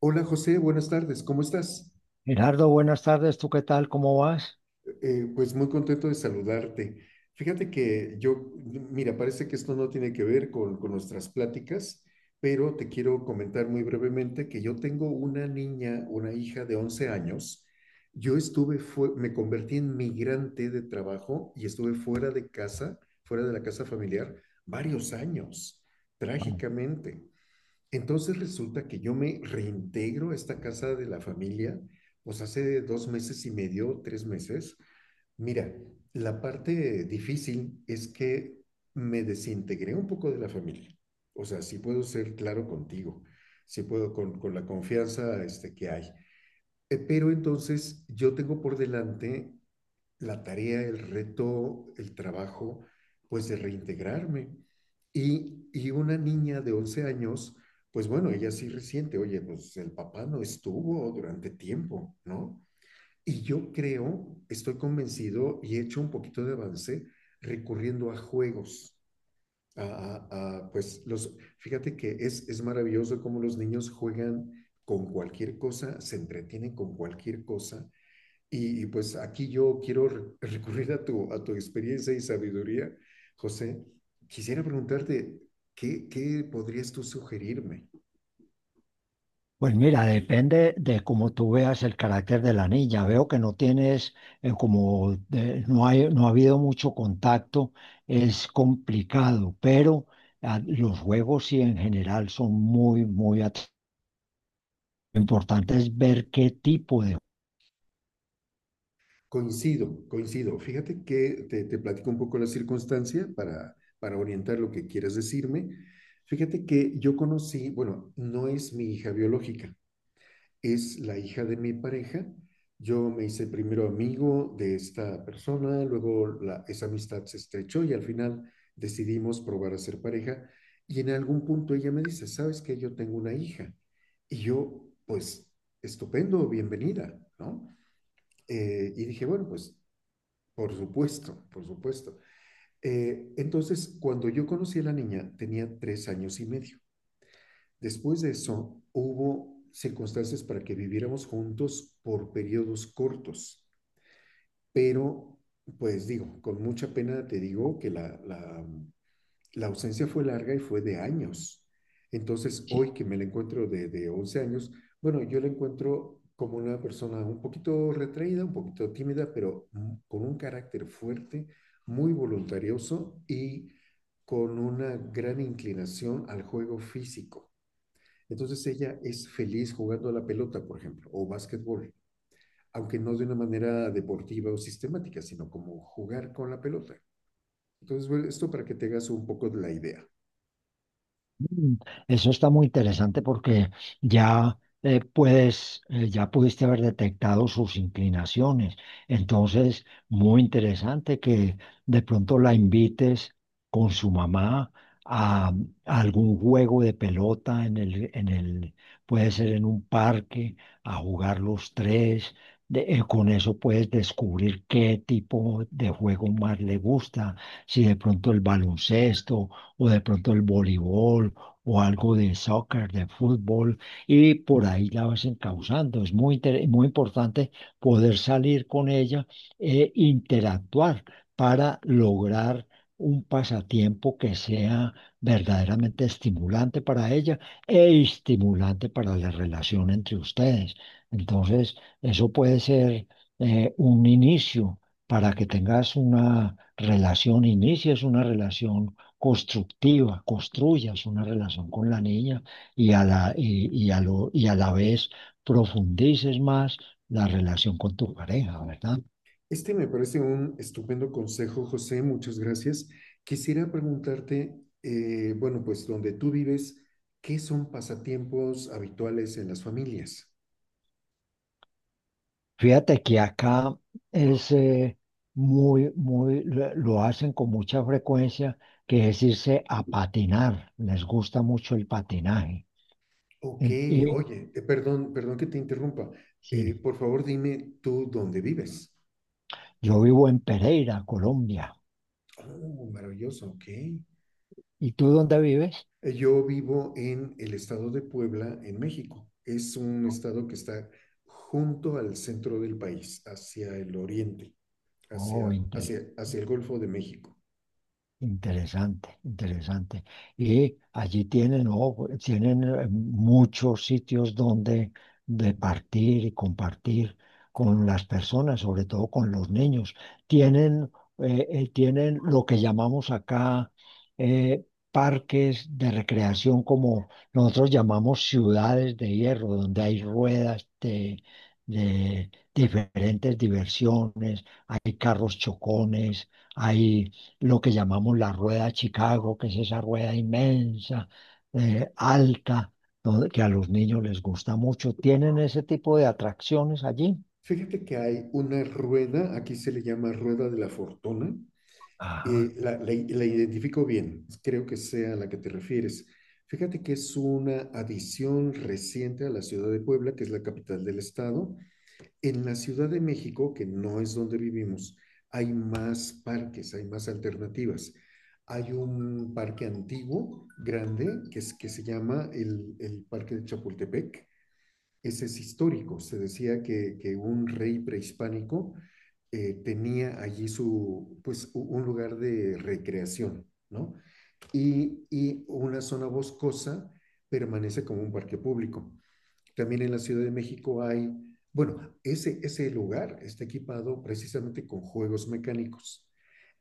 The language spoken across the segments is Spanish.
Hola José, buenas tardes, ¿cómo estás? Gerardo, buenas tardes. ¿Tú qué tal? ¿Cómo vas? Pues muy contento de saludarte. Fíjate que yo, mira, parece que esto no tiene que ver con nuestras pláticas, pero te quiero comentar muy brevemente que yo tengo una niña, una hija de 11 años. Yo estuve, fue, me convertí en migrante de trabajo y estuve fuera de casa, fuera de la casa familiar, varios años, Ah, trágicamente. Entonces resulta que yo me reintegro a esta casa de la familia, pues hace dos meses y medio, tres meses. Mira, la parte difícil es que me desintegré un poco de la familia. O sea, sí puedo ser claro contigo, sí puedo con la confianza este, que hay. Pero entonces yo tengo por delante la tarea, el reto, el trabajo, pues de reintegrarme. Y una niña de 11 años, pues bueno, ella sí resiente, oye, pues el papá no estuvo durante tiempo, ¿no? Y yo creo, estoy convencido y he hecho un poquito de avance recurriendo a juegos. Pues los, fíjate que es maravilloso cómo los niños juegan con cualquier cosa, se entretienen con cualquier cosa y pues aquí yo quiero recurrir a tu experiencia y sabiduría, José. Quisiera preguntarte, ¿qué podrías tú sugerirme? Pues mira, depende de cómo tú veas el carácter de la niña. Veo que no tienes, no hay, no ha habido mucho contacto, es complicado, pero los juegos sí en general son importantes ver qué tipo de juegos. Coincido, coincido. Fíjate que te platico un poco la circunstancia para orientar lo que quieras decirme. Fíjate que yo conocí, bueno, no es mi hija biológica, es la hija de mi pareja. Yo me hice primero amigo de esta persona, luego esa amistad se estrechó y al final decidimos probar a ser pareja. Y en algún punto ella me dice, ¿sabes que yo tengo una hija? Y yo, pues, estupendo, bienvenida, ¿no? Y dije, bueno, pues, por supuesto, por supuesto. Entonces, cuando yo conocí a la niña, tenía tres años y medio. Después de eso, hubo circunstancias para que viviéramos juntos por periodos cortos, pero pues digo, con mucha pena te digo que la ausencia fue larga y fue de años. Entonces, hoy que me la encuentro de 11 años, bueno, yo la encuentro como una persona un poquito retraída, un poquito tímida, pero con un carácter fuerte, muy voluntarioso y con una gran inclinación al juego físico. Entonces ella es feliz jugando a la pelota, por ejemplo, o básquetbol, aunque no de una manera deportiva o sistemática, sino como jugar con la pelota. Entonces, bueno, esto para que te hagas un poco de la idea. Mm, Eso está muy interesante porque ya puedes, ya pudiste haber detectado sus inclinaciones. Entonces, muy interesante que de pronto la invites con su mamá a, a algún juego de pelota en el puede ser en un parque, a jugar los tres. Con eso puedes descubrir qué tipo de juego más le gusta, si de pronto el baloncesto o de pronto el voleibol o algo de soccer, de fútbol, y por ahí la vas encauzando. Es muy importante poder salir con ella e interactuar para lograr un pasatiempo que sea verdaderamente estimulante para ella e estimulante para la relación entre ustedes. Entonces, eso puede ser un inicio para que tengas una relación, inicies una relación constructiva, construyas una relación con la niña y a la, y a lo, y a la vez profundices más la relación con tu pareja, ¿verdad? Este me parece un estupendo consejo, José, muchas gracias. Quisiera preguntarte, bueno, pues donde tú vives, ¿qué son pasatiempos habituales en las familias? Fíjate que acá es lo hacen con mucha frecuencia, que es irse a patinar, les gusta mucho el patinaje. Ok, En- Y, oye, perdón, perdón que te interrumpa. Sí, Por favor, dime tú dónde vives. yo vivo en Pereira, Colombia. Oh, maravilloso, ok. ¿Y tú dónde vives? Yo vivo en el estado de Puebla, en México. Es un estado que está junto al centro del país, hacia el oriente, Oh, hacia interesante. hacia el Golfo de México. Interesante, interesante. Y allí tienen, ¿no? Tienen muchos sitios donde departir y compartir con las personas, sobre todo con los niños. Tienen, Tienen lo que llamamos acá, eh, parques de recreación, como nosotros llamamos ciudades de hierro, donde hay ruedas de diferentes diversiones, hay carros chocones, hay lo que llamamos la Rueda de Chicago, que es esa rueda inmensa, alta, que a los niños les gusta mucho. Tienen ese tipo de atracciones allí. Fíjate que hay una rueda, aquí se le llama rueda de la fortuna. Ajá, Eh, la la identifico bien, creo que sea a la que te refieres. Fíjate que es una adición reciente a la ciudad de Puebla, que es la capital del estado. En la Ciudad de México, que no es donde vivimos, hay más parques, hay más alternativas. Hay un parque antiguo, grande, que, es, que se llama el Parque de Chapultepec. Ese es histórico. Se decía que un rey prehispánico tenía allí su, pues, un lugar de recreación, ¿no? Y una zona boscosa permanece como un parque público. También en la Ciudad de México hay, bueno, ese lugar está equipado precisamente con juegos mecánicos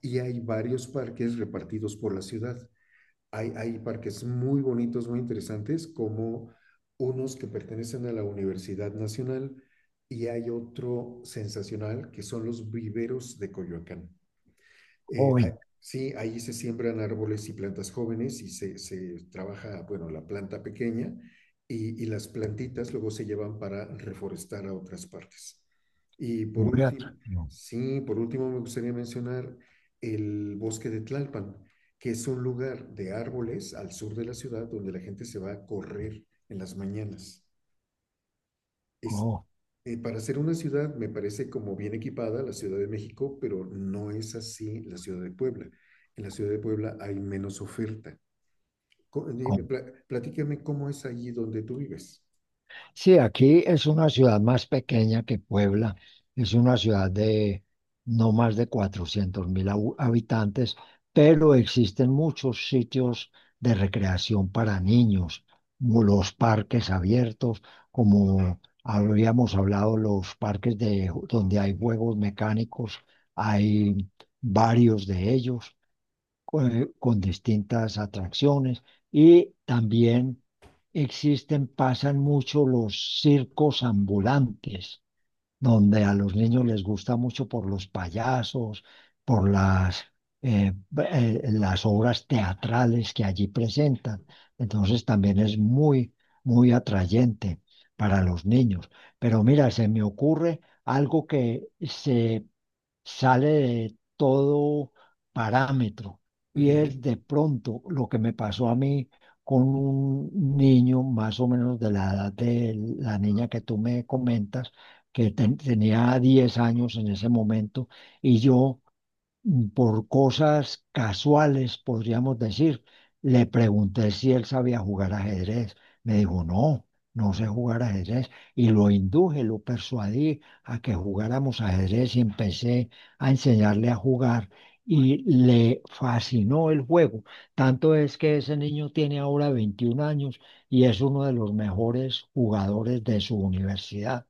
y hay varios parques repartidos por la ciudad. Hay parques muy bonitos, muy interesantes, como unos que pertenecen a la Universidad Nacional y hay otro sensacional que son los viveros de Coyoacán. Hoy, Sí, ahí se siembran árboles y plantas jóvenes y se trabaja, bueno, la planta pequeña y las plantitas luego se llevan para reforestar a otras partes. Y por muy último, atractivo. sí, por último me gustaría mencionar el bosque de Tlalpan, que es un lugar de árboles al sur de la ciudad donde la gente se va a correr en las mañanas. Es, para ser una ciudad, me parece como bien equipada la Ciudad de México, pero no es así la Ciudad de Puebla. En la Ciudad de Puebla hay menos oferta. Oh, Dime, platícame cómo es allí donde tú vives. sí, aquí es una ciudad más pequeña que Puebla. Es una ciudad de no más de 400.000 habitantes, pero existen muchos sitios de recreación para niños, como los parques abiertos, como habíamos hablado, los parques donde hay juegos mecánicos, hay varios de ellos con distintas atracciones y también existen, pasan mucho los circos ambulantes, donde a los niños les gusta mucho por los payasos, por las, eh, las obras teatrales que allí presentan. Entonces también es muy atrayente para los niños. Pero mira, se me ocurre algo que se sale de todo parámetro. Y Ujú. es de pronto lo que me pasó a mí con un niño más o menos de la edad de la niña que tú me comentas, que tenía 10 años en ese momento, y yo por cosas casuales, podríamos decir. Le pregunté si él sabía jugar ajedrez. Me dijo, no, no sé jugar ajedrez. Y lo induje, lo persuadí a que jugáramos ajedrez y empecé a enseñarle a jugar. Y le fascinó el juego. Tanto es que ese niño tiene ahora 21 años y es uno de los mejores jugadores de su universidad.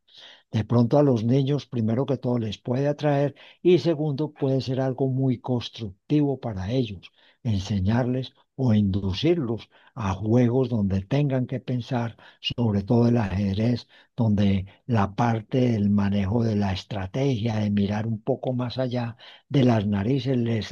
De pronto a los niños, primero que todo, les puede atraer y segundo, puede ser algo muy constructivo para ellos, enseñarles o inducirlos a juegos donde tengan que pensar, sobre todo el ajedrez, donde la parte del manejo de la estrategia, de mirar un poco más allá de las narices, les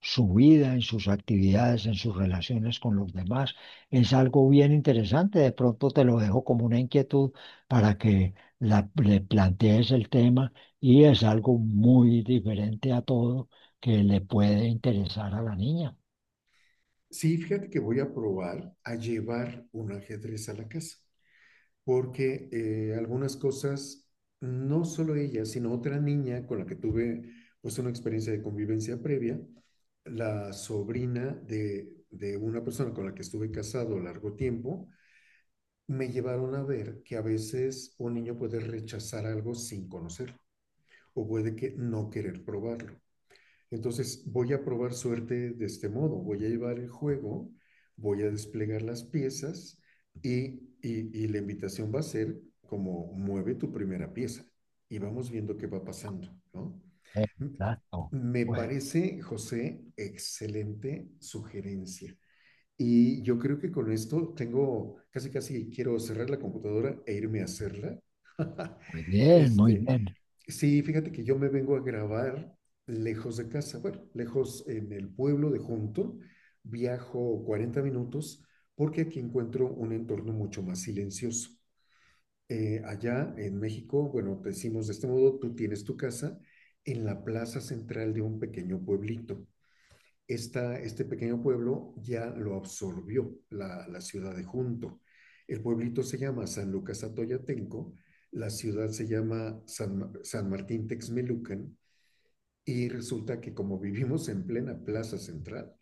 su vida, en sus actividades, en sus relaciones con los demás. Es algo bien interesante. De pronto te lo dejo como una inquietud para que le plantees el tema y es algo muy diferente a todo que le puede interesar a la niña. Sí, fíjate que voy a probar a llevar un ajedrez a la casa, porque algunas cosas, no solo ella, sino otra niña con la que tuve pues una experiencia de convivencia previa, la sobrina de una persona con la que estuve casado largo tiempo, me llevaron a ver que a veces un niño puede rechazar algo sin conocerlo o puede que no querer probarlo. Entonces voy a probar suerte de este modo, voy a llevar el juego, voy a desplegar las piezas y, y la invitación va a ser como mueve tu primera pieza y vamos viendo qué va pasando, ¿no? Exacto. Me Pues, parece, José, excelente sugerencia. Y yo creo que con esto tengo, casi casi quiero cerrar la computadora e irme a hacerla. muy bien, muy Este, bien. sí, fíjate que yo me vengo a grabar lejos de casa, bueno, lejos en el pueblo de Junto, viajo 40 minutos porque aquí encuentro un entorno mucho más silencioso. Allá en México, bueno, te decimos de este modo, tú tienes tu casa en la plaza central de un pequeño pueblito. Esta, este pequeño pueblo ya lo absorbió la ciudad de Junto. El pueblito se llama San Lucas Atoyatenco, la ciudad se llama San Martín Texmelucan, y resulta que como vivimos en plena plaza central,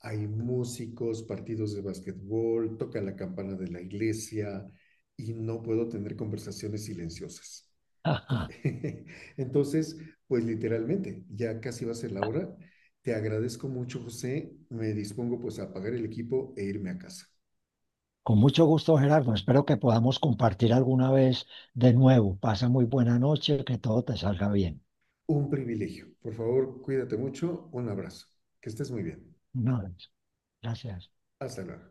hay músicos, partidos de básquetbol, toca la campana de la iglesia y no puedo tener conversaciones silenciosas. Ajá. Entonces, pues literalmente, ya casi va a ser la hora. Te agradezco mucho, José. Me dispongo pues a apagar el equipo e irme a casa. Con mucho gusto, Gerardo. Espero que podamos compartir alguna vez de nuevo. Pasa muy buena noche, que todo te salga bien. Un privilegio. Por favor, cuídate mucho. Un abrazo. Que estés muy bien. No, gracias. Hasta luego.